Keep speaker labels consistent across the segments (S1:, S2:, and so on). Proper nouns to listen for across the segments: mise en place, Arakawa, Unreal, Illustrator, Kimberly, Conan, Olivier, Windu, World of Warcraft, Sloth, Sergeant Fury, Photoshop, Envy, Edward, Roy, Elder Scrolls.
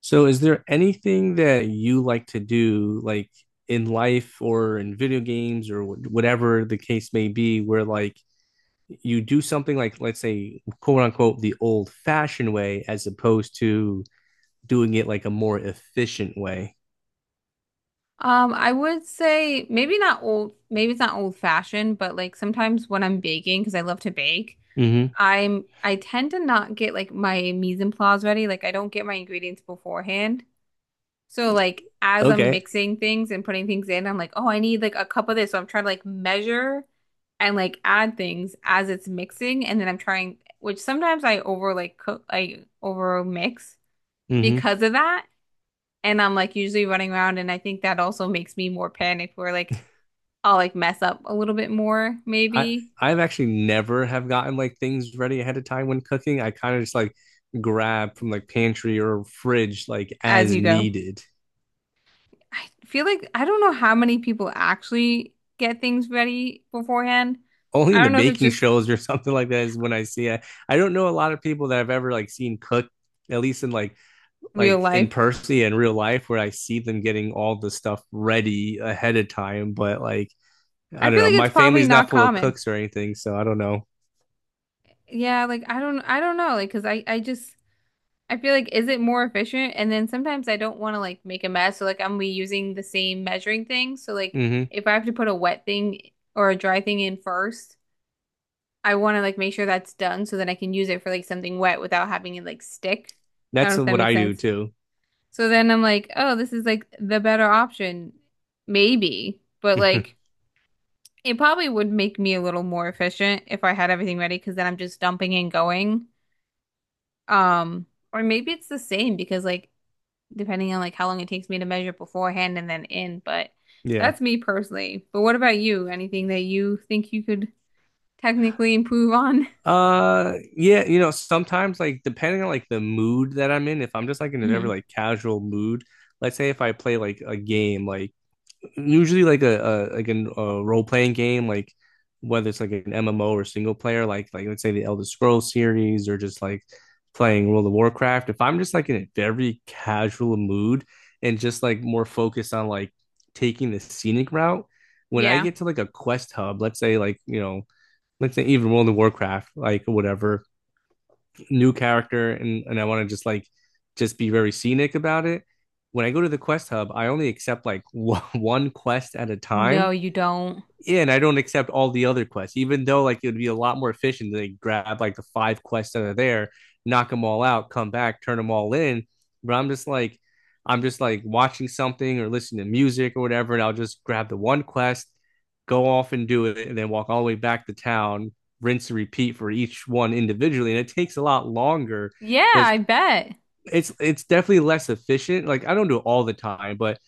S1: So, is there anything that you like to do, like in life or in video games or whatever the case may be, where like you do something like, let's say, quote unquote, the old-fashioned way, as opposed to doing it like a more efficient way?
S2: I would say maybe not old, maybe it's not old fashioned, but like sometimes when I'm baking, because I love to bake,
S1: Hmm
S2: I tend to not get like my mise en place ready. Like I don't get my ingredients beforehand. So like as I'm
S1: Okay.
S2: mixing things and putting things in, I'm like, oh, I need like a cup of this. So I'm trying to like measure and like add things as it's mixing, and then I'm trying, which sometimes I over like cook, I over mix
S1: hmm
S2: because of that. And I'm like usually running around, and I think that also makes me more panicked where like I'll like mess up a little bit more
S1: I
S2: maybe
S1: I've actually never have gotten like things ready ahead of time when cooking. I kind of just like grab from like pantry or fridge like
S2: as
S1: as
S2: you go.
S1: needed.
S2: I feel like I don't know how many people actually get things ready beforehand.
S1: Only
S2: I
S1: in the
S2: don't know if it's
S1: baking
S2: just
S1: shows or something like that is when I see it. I don't know a lot of people that I've ever like seen cook, at least in
S2: real
S1: like in
S2: life.
S1: person in real life, where I see them getting all the stuff ready ahead of time. But like
S2: I
S1: I don't
S2: feel
S1: know,
S2: like
S1: my
S2: it's probably
S1: family's not
S2: not
S1: full of
S2: common.
S1: cooks or anything, so I don't know.
S2: Yeah, like I don't know like 'cause I just I feel like is it more efficient? And then sometimes I don't want to like make a mess, so like I'm reusing the same measuring thing. So like
S1: Mm-hmm.
S2: if I have to put a wet thing or a dry thing in first, I want to like make sure that's done so that I can use it for like something wet without having it like stick. I don't
S1: That's
S2: know if that
S1: what
S2: makes
S1: I do
S2: sense.
S1: too.
S2: So then I'm like, oh, this is like the better option, maybe. But like, it probably would make me a little more efficient if I had everything ready because then I'm just dumping and going. Um, or maybe it's the same because like depending on like how long it takes me to measure beforehand and then in. But
S1: Yeah.
S2: that's me personally. But what about you? Anything that you think you could technically improve on?
S1: Sometimes like depending on like the mood that I'm in, if I'm just like in a very
S2: hmm.
S1: like casual mood, let's say if I play like a game like usually like a like a role playing game, like whether it's like an MMO or single player, like let's say the Elder Scrolls series or just like playing World of Warcraft. If I'm just like in a very casual mood and just like more focused on like taking the scenic route, when I
S2: Yeah.
S1: get to like a quest hub, let's say even World of Warcraft, like whatever new character and I want to just like just be very scenic about it. When I go to the quest hub, I only accept like one quest at a
S2: No,
S1: time,
S2: you don't.
S1: yeah, and I don't accept all the other quests, even though like it would be a lot more efficient to like grab like the five quests that are there, knock them all out, come back, turn them all in. But I'm just like watching something or listening to music or whatever, and I'll just grab the one quest, go off and do it, and then walk all the way back to town, rinse and repeat for each one individually. And it takes a lot longer,
S2: Yeah,
S1: but
S2: I bet.
S1: it's definitely less efficient. Like I don't do it all the time, but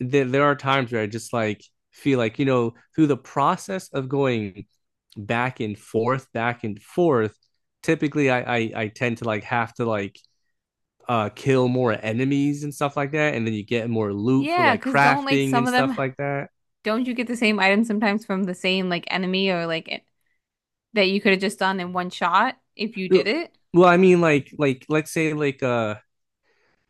S1: there are times where I just like feel like through the process of going back and forth, back and forth. Typically, I tend to like have to like kill more enemies and stuff like that, and then you get more loot for
S2: Yeah,
S1: like
S2: because 'cause don't like
S1: crafting
S2: some
S1: and
S2: of
S1: stuff
S2: them,
S1: like that.
S2: don't you get the same item sometimes from the same like enemy or like it, that you could have just done in one shot if you did it?
S1: Well, I mean like let's say like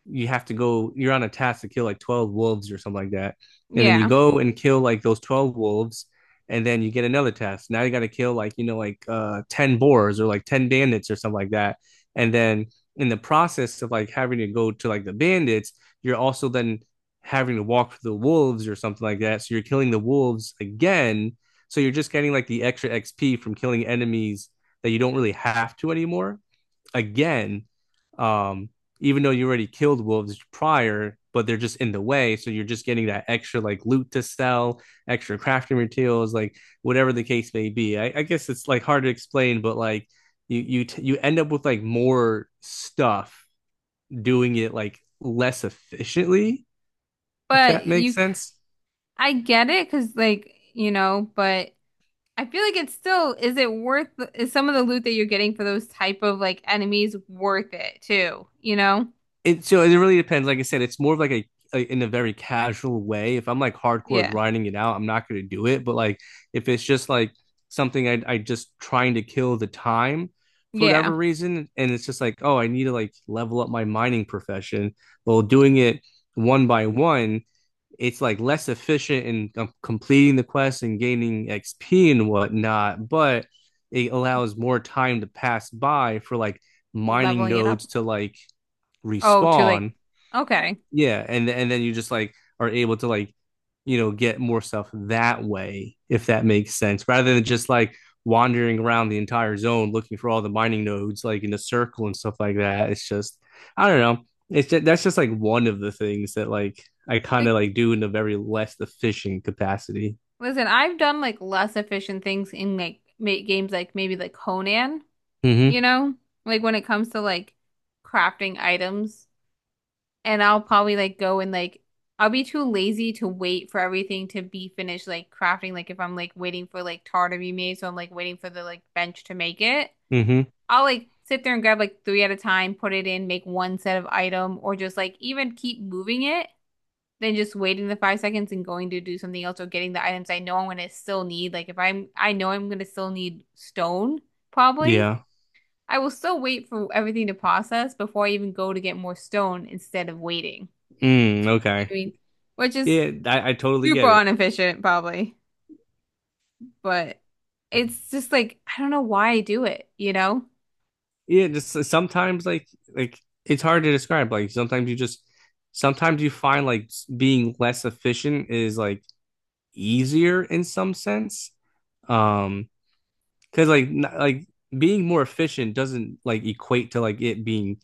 S1: you have to go you're on a task to kill like 12 wolves or something like that, and then you
S2: Yeah.
S1: go and kill like those 12 wolves, and then you get another task, now you got to kill like like 10 boars or like 10 bandits or something like that, and then in the process of like having to go to like the bandits, you're also then having to walk through the wolves or something like that, so you're killing the wolves again, so you're just getting like the extra XP from killing enemies that you don't really have to anymore again, um, even though you already killed wolves prior, but they're just in the way. So you're just getting that extra like loot to sell, extra crafting materials, like whatever the case may be. I guess it's like hard to explain, but like you end up with like more stuff doing it like less efficiently, if
S2: But
S1: that makes
S2: you, c-
S1: sense.
S2: I get it, cause like, you know, but I feel like it's still, is it worth, is some of the loot that you're getting for those type of like enemies worth it too, you know?
S1: It so it really depends. Like I said, it's more of like a in a very casual way. If I'm like hardcore
S2: Yeah.
S1: grinding it out, I'm not going to do it. But like if it's just like something I just trying to kill the time for
S2: Yeah.
S1: whatever reason, and it's just like oh I need to like level up my mining profession. Well, doing it one by one, it's like less efficient in completing the quest and gaining XP and whatnot, but it allows more time to pass by for like mining
S2: Leveling it up.
S1: nodes to like
S2: Oh, to like,
S1: respawn,
S2: okay.
S1: yeah, and then you just like are able to like get more stuff that way if that makes sense, rather than just like wandering around the entire zone looking for all the mining nodes like in a circle and stuff like that. It's just I don't know. It's just, that's just like one of the things that like I kind of
S2: Like,
S1: like do in a very less efficient capacity.
S2: Listen, I've done like less efficient things in like ma games like maybe like Conan, you
S1: Mm-hmm.
S2: know? Like when it comes to like crafting items, and I'll probably like go and like I'll be too lazy to wait for everything to be finished like crafting like if I'm like waiting for like tar to be made, so I'm like waiting for the like bench to make it.
S1: Mm-hmm.
S2: I'll like sit there and grab like three at a time, put it in, make one set of item or just like even keep moving it than just waiting the 5 seconds and going to do something else or getting the items I know I'm gonna still need. Like if I know I'm gonna still need stone, probably.
S1: Yeah.
S2: I will still wait for everything to process before I even go to get more stone instead of waiting.
S1: Mm,
S2: You know what
S1: okay.
S2: I mean? Which is
S1: Yeah, I totally
S2: super
S1: get it.
S2: inefficient, probably. But it's just like I don't know why I do it, you know?
S1: Yeah, just sometimes like it's hard to describe. Like sometimes you just sometimes you find like being less efficient is like easier in some sense. Um, because like like being more efficient doesn't like equate to like it being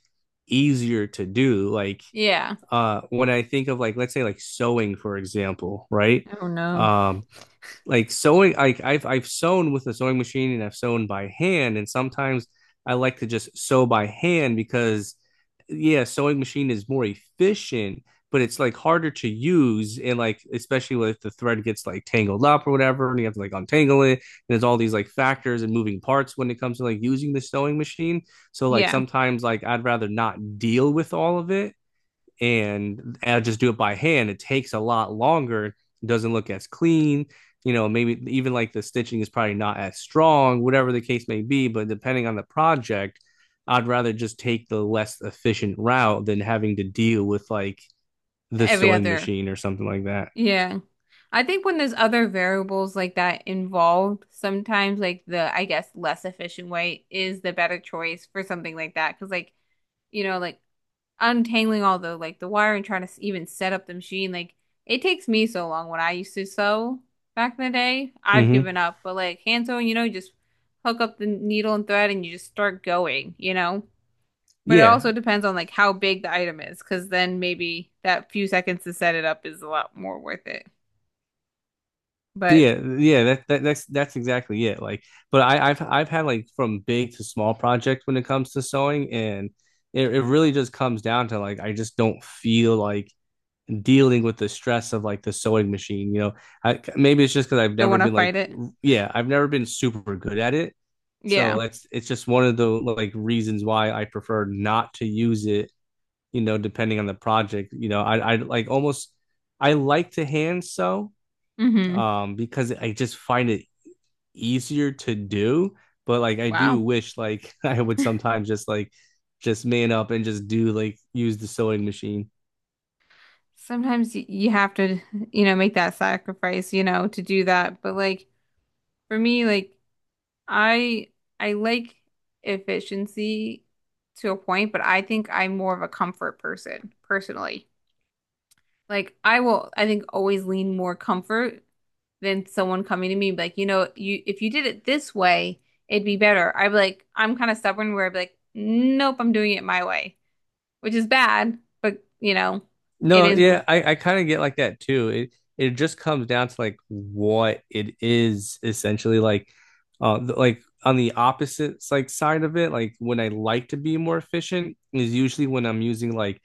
S1: easier to do. Like
S2: Yeah.
S1: when I think of like let's say like sewing for example, right?
S2: Oh no.
S1: Um, like sewing like I've sewn with a sewing machine and I've sewn by hand and sometimes I like to just sew by hand because yeah sewing machine is more efficient but it's like harder to use and like especially if the thread gets like tangled up or whatever and you have to like untangle it, and there's all these like factors and moving parts when it comes to like using the sewing machine, so like
S2: Yeah.
S1: sometimes like I'd rather not deal with all of it and I just do it by hand. It takes a lot longer, it doesn't look as clean. You know, maybe even like the stitching is probably not as strong, whatever the case may be. But depending on the project, I'd rather just take the less efficient route than having to deal with like the
S2: Every
S1: sewing
S2: other
S1: machine or something like that.
S2: Yeah. I think when there's other variables like that involved, sometimes like the, I guess, less efficient way is the better choice for something like that. Because like, you know, like untangling all the like the wire and trying to even set up the machine, like it takes me so long when I used to sew back in the day. I've
S1: Mm-hmm.
S2: given up, but like hand sewing, you know, you just hook up the needle and thread and you just start going, you know? But it
S1: Yeah,
S2: also depends on like how big the item is, because then maybe that few seconds to set it up is a lot more worth it. But
S1: yeah, yeah. That, that's exactly it. Like, but I, I've had like from big to small project when it comes to sewing, and it really just comes down to like I just don't feel like dealing with the stress of like the sewing machine. You know, I, maybe it's just because I've
S2: don't
S1: never
S2: want to
S1: been like,
S2: fight it.
S1: yeah, I've never been super good at it. So
S2: Yeah.
S1: that's it's just one of the like reasons why I prefer not to use it. You know, depending on the project. You know, I like almost I like to hand sew
S2: Hmm.
S1: because I just find it easier to do. But like I do
S2: Wow.
S1: wish like I would sometimes just like just man up and just do like use the sewing machine.
S2: Sometimes you have to, you know, make that sacrifice, you know, to do that. But like for me, like I I like efficiency to a point, but I think I'm more of a comfort person personally. Like I will, I think always lean more comfort than someone coming to me and be like, you know, you if you did it this way, it'd be better. I'd be like, I'm kind of stubborn where I'd be like, nope, I'm doing it my way. Which is bad, but you know, it
S1: No,
S2: is.
S1: yeah, I kind of get like that too. It just comes down to like what it is essentially like like on the opposite like side of it, like when I like to be more efficient is usually when I'm using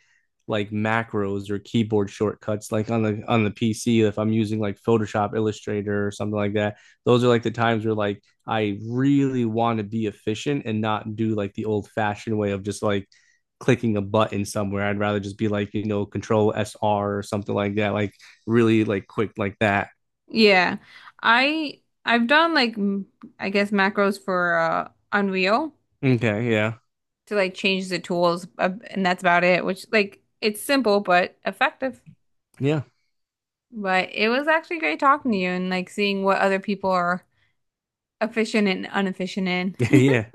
S1: like macros or keyboard shortcuts like on the PC if I'm using like Photoshop, Illustrator or something like that. Those are like the times where like I really want to be efficient and not do like the old fashioned way of just like clicking a button somewhere. I'd rather just be like, you know, control S R or something like that, like really like quick like that.
S2: Yeah, I've done like I guess macros for Unreal
S1: Okay, yeah.
S2: to like change the tools, and that's about it. Which like it's simple but effective.
S1: Yeah.
S2: But it was actually great talking to you and like seeing what other people are efficient and inefficient in.
S1: Yeah, yeah.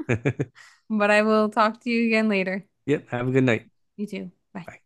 S2: But I will talk to you again later.
S1: Yep, have a good night.
S2: You too. Bye.
S1: Bye.